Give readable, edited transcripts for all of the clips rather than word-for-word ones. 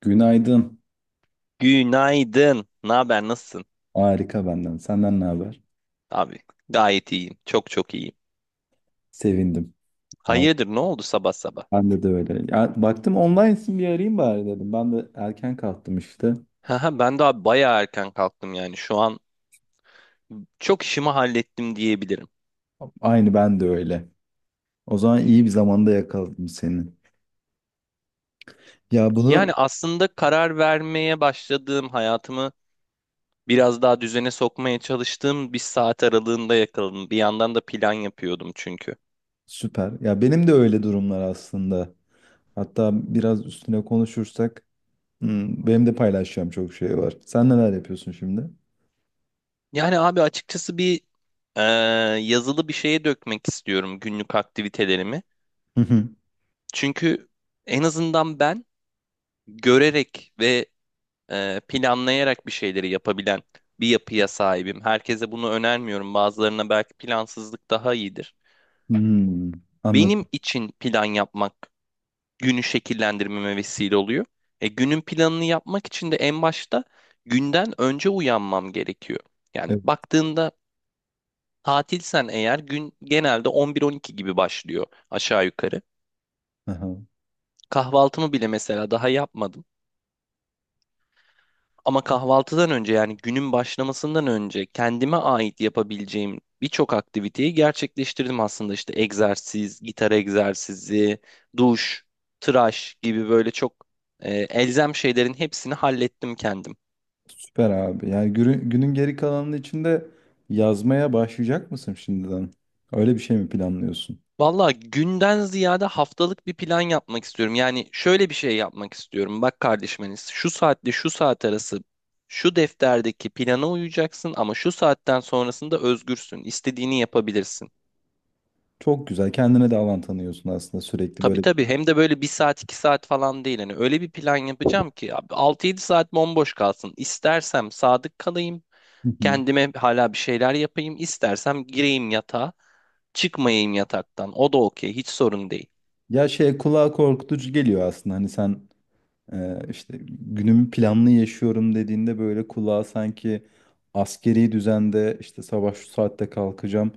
Günaydın. Günaydın. Ne haber? Nasılsın? Harika benden. Senden ne haber? Abi gayet iyiyim. Çok çok iyiyim. Sevindim. Al. Hayırdır ne oldu sabah sabah? Ben de öyle. Ya, baktım online'sın bir arayayım bari dedim. Ben de erken kalktım işte. Haha, ben daha bayağı erken kalktım yani. Şu an çok işimi hallettim diyebilirim. Aynı ben de öyle. O zaman iyi bir zamanda yakaladım seni. Ya bunu Yani aslında karar vermeye başladığım hayatımı biraz daha düzene sokmaya çalıştığım bir saat aralığında yakaladım. Bir yandan da plan yapıyordum çünkü. süper. Ya benim de öyle durumlar aslında. Hatta biraz üstüne konuşursak benim de paylaşacağım çok şey var. Sen neler yapıyorsun şimdi? Yani abi açıkçası bir eee, yazılı bir şeye dökmek istiyorum günlük aktivitelerimi. Hı hı. Çünkü en azından ben görerek ve planlayarak bir şeyleri yapabilen bir yapıya sahibim. Herkese bunu önermiyorum. Bazılarına belki plansızlık daha iyidir. Hmm, Benim anladım. için plan yapmak günü şekillendirmeme vesile oluyor. E, günün planını yapmak için de en başta günden önce uyanmam gerekiyor. Yani Evet. baktığında tatilsen eğer gün genelde 11-12 gibi başlıyor aşağı yukarı. Aha. Kahvaltımı bile mesela daha yapmadım. Ama kahvaltıdan önce yani günün başlamasından önce kendime ait yapabileceğim birçok aktiviteyi gerçekleştirdim aslında. İşte egzersiz, gitar egzersizi, duş, tıraş gibi böyle çok elzem şeylerin hepsini hallettim kendim. Süper abi. Yani günün geri kalanının içinde yazmaya başlayacak mısın şimdiden? Öyle bir şey mi planlıyorsun? Valla günden ziyade haftalık bir plan yapmak istiyorum. Yani şöyle bir şey yapmak istiyorum. Bak kardeşim Enes, şu saatle şu saat arası şu defterdeki plana uyacaksın ama şu saatten sonrasında özgürsün. İstediğini yapabilirsin. Çok güzel. Kendine de alan tanıyorsun aslında sürekli Tabii böyle. tabii hem de böyle bir saat iki saat falan değil. Hani öyle bir plan yapacağım ki abi 6-7 saat bomboş kalsın. İstersem sadık kalayım. Hı hı. Kendime hala bir şeyler yapayım. İstersem gireyim yatağa. Çıkmayayım yataktan. O da okey. Hiç sorun değil. Ya şey kulağa korkutucu geliyor aslında. Hani sen işte günümü planlı yaşıyorum dediğinde böyle kulağa sanki askeri düzende işte sabah şu saatte kalkacağım.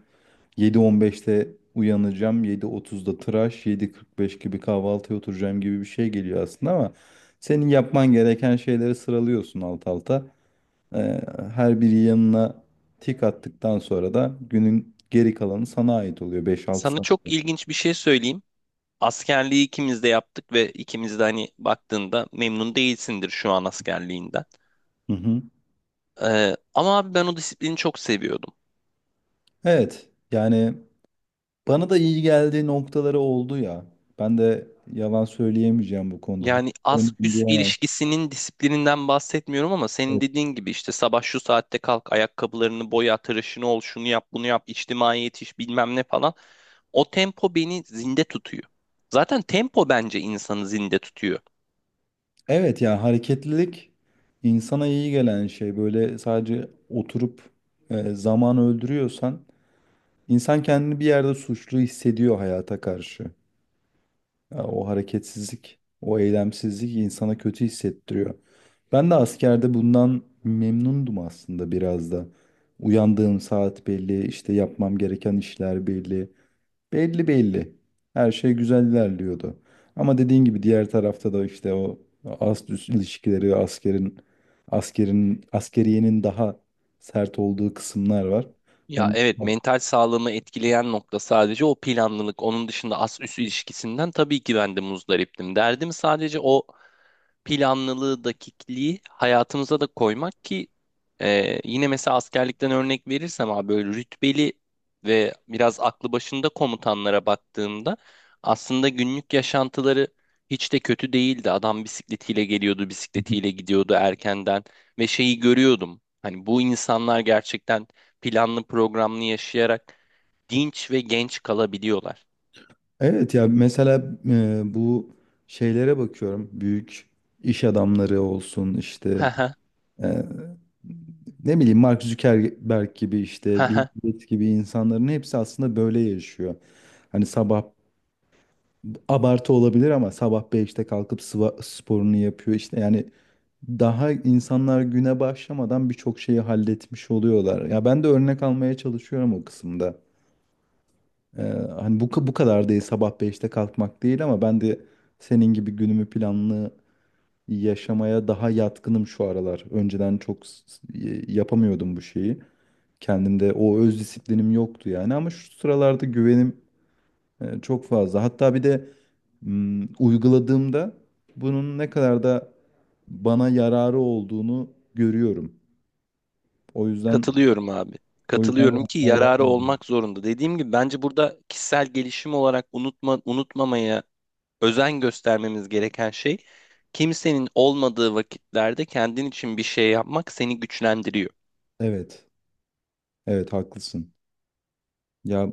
7:15'te uyanacağım. 7:30'da tıraş, 7:45 gibi kahvaltıya oturacağım gibi bir şey geliyor aslında, ama senin yapman gereken şeyleri sıralıyorsun alt alta. Ee, Her biri yanına tik attıktan sonra da günün geri kalanı sana ait oluyor, 5-6 Sana saat. çok ilginç bir şey söyleyeyim. Askerliği ikimiz de yaptık ve ikimiz de hani baktığında memnun değilsindir şu an askerliğinden. Hı hı. Ama abi ben o disiplini çok seviyordum. Evet, yani bana da iyi geldiği noktaları oldu ya. Ben de yalan söyleyemeyeceğim bu konuda. Hiç Yani az sevmedim üst diyemem. ilişkisinin disiplininden bahsetmiyorum ama senin Evet. dediğin gibi işte sabah şu saatte kalk, ayakkabılarını boya, tıraşını ol, şunu yap, bunu yap, içtimai yetiş bilmem ne falan. O tempo beni zinde tutuyor. Zaten tempo bence insanı zinde tutuyor. Evet ya, hareketlilik insana iyi gelen şey. Böyle sadece oturup zaman öldürüyorsan insan kendini bir yerde suçlu hissediyor hayata karşı. Ya o hareketsizlik, o eylemsizlik insana kötü hissettiriyor. Ben de askerde bundan memnundum aslında biraz da. Uyandığım saat belli, işte yapmam gereken işler belli. Belli belli. Her şey güzel ilerliyordu. Ama dediğin gibi diğer tarafta da işte o ast üst ilişkileri, askerin askerin askeriyenin daha sert olduğu kısımlar var. Ya Onu evet, mental sağlığımı etkileyen nokta sadece o planlılık. Onun dışında az üst ilişkisinden tabii ki ben de muzdariptim. Derdim sadece o planlılığı, dakikliği hayatımıza da koymak ki yine mesela askerlikten örnek verirsem abi böyle rütbeli ve biraz aklı başında komutanlara baktığımda aslında günlük yaşantıları hiç de kötü değildi. Adam bisikletiyle geliyordu, bisikletiyle gidiyordu erkenden ve şeyi görüyordum. Hani bu insanlar gerçekten planlı programlı yaşayarak dinç ve genç kalabiliyorlar. Evet ya, mesela bu şeylere bakıyorum. Büyük iş adamları olsun işte, e, ne bileyim Mark Zuckerberg gibi, işte Bill Gates gibi insanların hepsi aslında böyle yaşıyor. Hani sabah, abartı olabilir ama sabah beşte kalkıp sporunu yapıyor işte, yani daha insanlar güne başlamadan birçok şeyi halletmiş oluyorlar. Ya ben de örnek almaya çalışıyorum o kısımda. Ee, Hani bu kadar değil, sabah beşte kalkmak değil ama ben de senin gibi günümü planlı yaşamaya daha yatkınım şu aralar. Önceden çok yapamıyordum bu şeyi. Kendimde o öz disiplinim yoktu yani, ama şu sıralarda güvenim çok fazla. Hatta bir de uyguladığımda bunun ne kadar da bana yararı olduğunu görüyorum. O yüzden Katılıyorum abi. o yüzden Katılıyorum ki yapmaya devam yararı ediyorum. olmak zorunda. Dediğim gibi bence burada kişisel gelişim olarak unutmamaya özen göstermemiz gereken şey kimsenin olmadığı vakitlerde kendin için bir şey yapmak seni güçlendiriyor. Evet. Evet, haklısın. Ya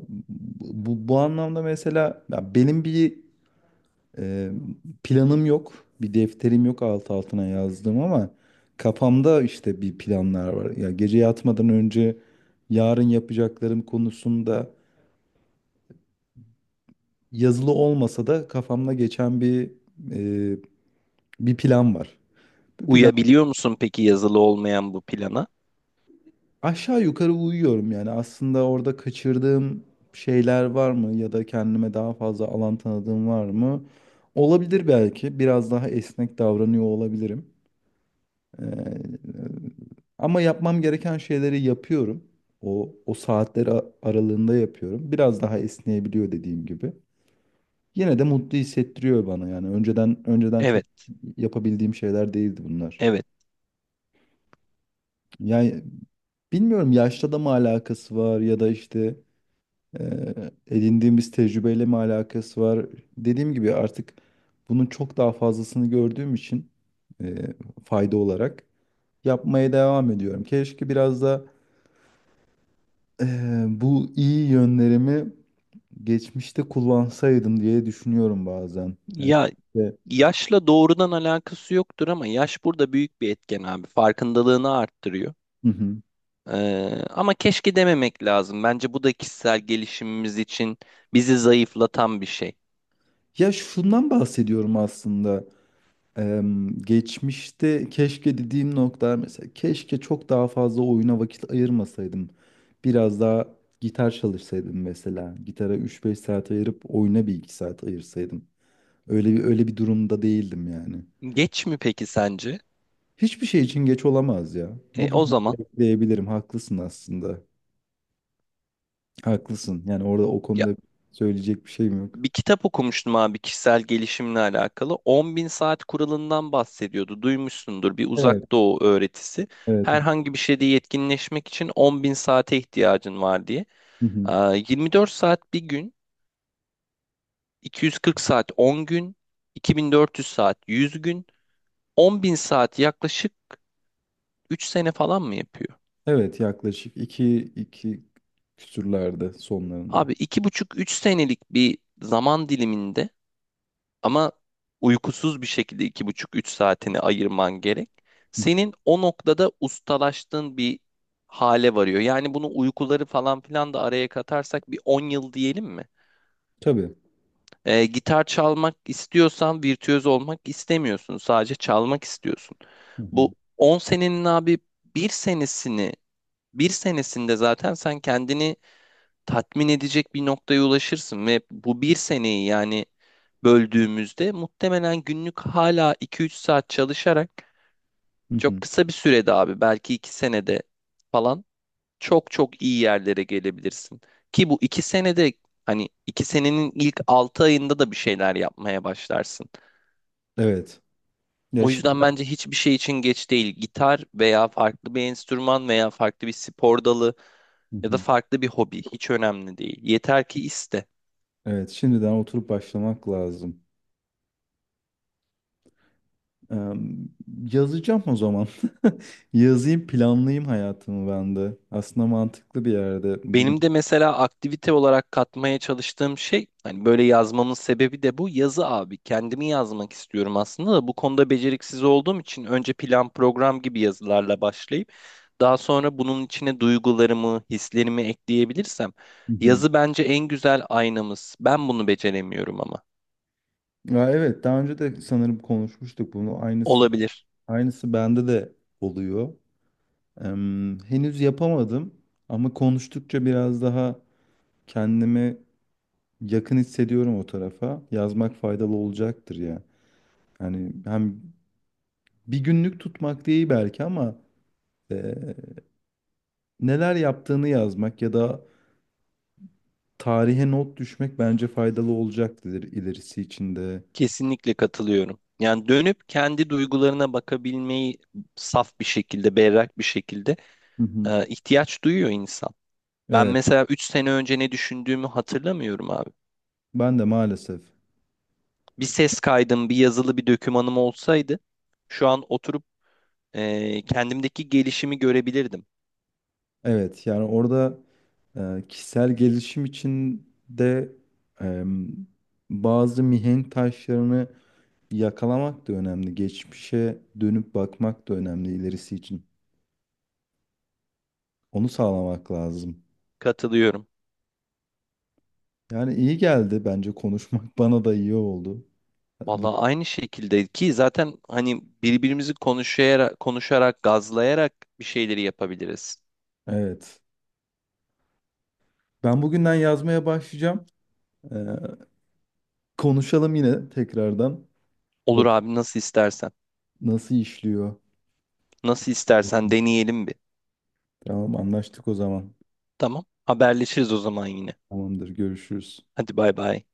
bu anlamda mesela, ya benim bir e, planım yok. Bir defterim yok alt altına yazdığım, ama kafamda işte bir planlar var. Ya gece yatmadan önce yarın yapacaklarım konusunda, yazılı olmasa da kafamda geçen e, bir plan var. Bir plan. Uyabiliyor musun peki yazılı olmayan bu plana? Aşağı yukarı uyuyorum yani. Aslında orada kaçırdığım şeyler var mı, ya da kendime daha fazla alan tanıdığım var mı? Olabilir belki. Biraz daha esnek davranıyor olabilirim. Ee, Ama yapmam gereken şeyleri yapıyorum. O aralığında yapıyorum. Biraz daha esneyebiliyor, dediğim gibi. Yine de mutlu hissettiriyor bana yani. Önceden çok Evet, yapabildiğim şeyler değildi bunlar. evet. Yani bilmiyorum, yaşla da mı alakası var, ya da işte edindiğimiz tecrübeyle mi alakası var? Dediğim gibi, artık bunun çok daha fazlasını gördüğüm için e, fayda olarak yapmaya devam ediyorum. Keşke biraz da bu iyi yönlerimi geçmişte kullansaydım diye düşünüyorum bazen. Yani, Ya işte, yaşla doğrudan alakası yoktur ama yaş burada büyük bir etken abi. Farkındalığını arttırıyor. hı hı. Ama keşke dememek lazım. Bence bu da kişisel gelişimimiz için bizi zayıflatan bir şey. Ya şundan bahsediyorum aslında. Geçmişte keşke dediğim noktalar, mesela keşke çok daha fazla oyuna vakit ayırmasaydım. Biraz daha gitar çalışsaydım mesela. Gitara üç beş saat ayırıp oyuna bir 2 saat ayırsaydım. Öyle bir durumda değildim yani. Geç mi peki sence? Hiçbir şey için geç olamaz ya. E, Bugün o zaman diyebilirim. Haklısın aslında. Haklısın. Yani orada o ya konuda söyleyecek bir şeyim yok. bir kitap okumuştum abi kişisel gelişimle alakalı. 10.000 saat kuralından bahsediyordu. Duymuşsundur bir Evet, uzak doğu öğretisi. evet. Herhangi bir şeyde yetkinleşmek için 10.000 saate ihtiyacın var diye. Hı hı. Aa, 24 saat bir gün, 240 saat 10 gün, 2400 saat 100 gün, 10.000 saat yaklaşık 3 sene falan mı yapıyor? Evet, yaklaşık iki küsürlerde sonlarını. Abi 2,5 3 senelik bir zaman diliminde ama uykusuz bir şekilde 2,5 3 saatini ayırman gerek. Hı. Senin o noktada ustalaştığın bir hale varıyor. Yani bunu uykuları falan filan da araya katarsak bir 10 yıl diyelim mi? Tabii. Gitar çalmak istiyorsan virtüöz olmak istemiyorsun. Sadece çalmak istiyorsun. Hı hı. Bu 10 senenin abi bir senesini bir senesinde zaten sen kendini tatmin edecek bir noktaya ulaşırsın ve bu bir seneyi yani böldüğümüzde muhtemelen günlük hala 2 3 saat çalışarak Hı çok hı. kısa bir sürede abi belki 2 senede falan çok çok iyi yerlere gelebilirsin. Ki bu 2 senede hani 2 senenin ilk 6 ayında da bir şeyler yapmaya başlarsın. Evet. Ya O yüzden şimdiden. bence hiçbir şey için geç değil. Gitar veya farklı bir enstrüman veya farklı bir spor dalı Hı ya da hı. farklı bir hobi hiç önemli değil. Yeter ki iste. Evet, şimdiden oturup başlamak lazım. Em, Yazacağım o zaman. Yazayım, planlayayım hayatımı ben de. Aslında mantıklı bir yerde bugün. Benim de mesela aktivite olarak katmaya çalıştığım şey hani böyle yazmamın sebebi de bu yazı abi. Kendimi yazmak istiyorum aslında da bu konuda beceriksiz olduğum için önce plan program gibi yazılarla başlayıp daha sonra bunun içine duygularımı, hislerimi ekleyebilirsem Hı hı. yazı bence en güzel aynamız. Ben bunu beceremiyorum ama. Ya evet, daha önce de sanırım konuşmuştuk bunu. Aynısı Olabilir. aynısı bende de oluyor. Henüz yapamadım, ama konuştukça biraz daha kendimi yakın hissediyorum o tarafa. Yazmak faydalı olacaktır ya. Yani hem bir günlük tutmak değil belki, ama e, neler yaptığını yazmak ya da tarihe not düşmek bence faydalı olacaktır ilerisi için de. Kesinlikle katılıyorum. Yani dönüp kendi duygularına bakabilmeyi saf bir şekilde, berrak bir şekilde Hı hı. İhtiyaç duyuyor insan. Ben Evet, mesela 3 sene önce ne düşündüğümü hatırlamıyorum abi. ben de maalesef. Bir ses kaydım, bir yazılı bir dokümanım olsaydı şu an oturup kendimdeki gelişimi görebilirdim. Evet, yani orada kişisel gelişim için de e, bazı mihenk taşlarını yakalamak da önemli. Geçmişe dönüp bakmak da önemli ilerisi için. Onu sağlamak lazım. Katılıyorum. Yani iyi geldi bence konuşmak, bana da iyi oldu. Vallahi aynı şekilde ki zaten hani konuşarak, gazlayarak bir şeyleri yapabiliriz. Evet. Ben bugünden yazmaya başlayacağım. Ee, Konuşalım yine tekrardan. Olur Bak abi nasıl istersen. nasıl işliyor. Nasıl istersen deneyelim bir. Tamam, anlaştık o zaman. Tamam. Haberleşiriz o zaman yine. Tamamdır, görüşürüz. Hadi bay bay.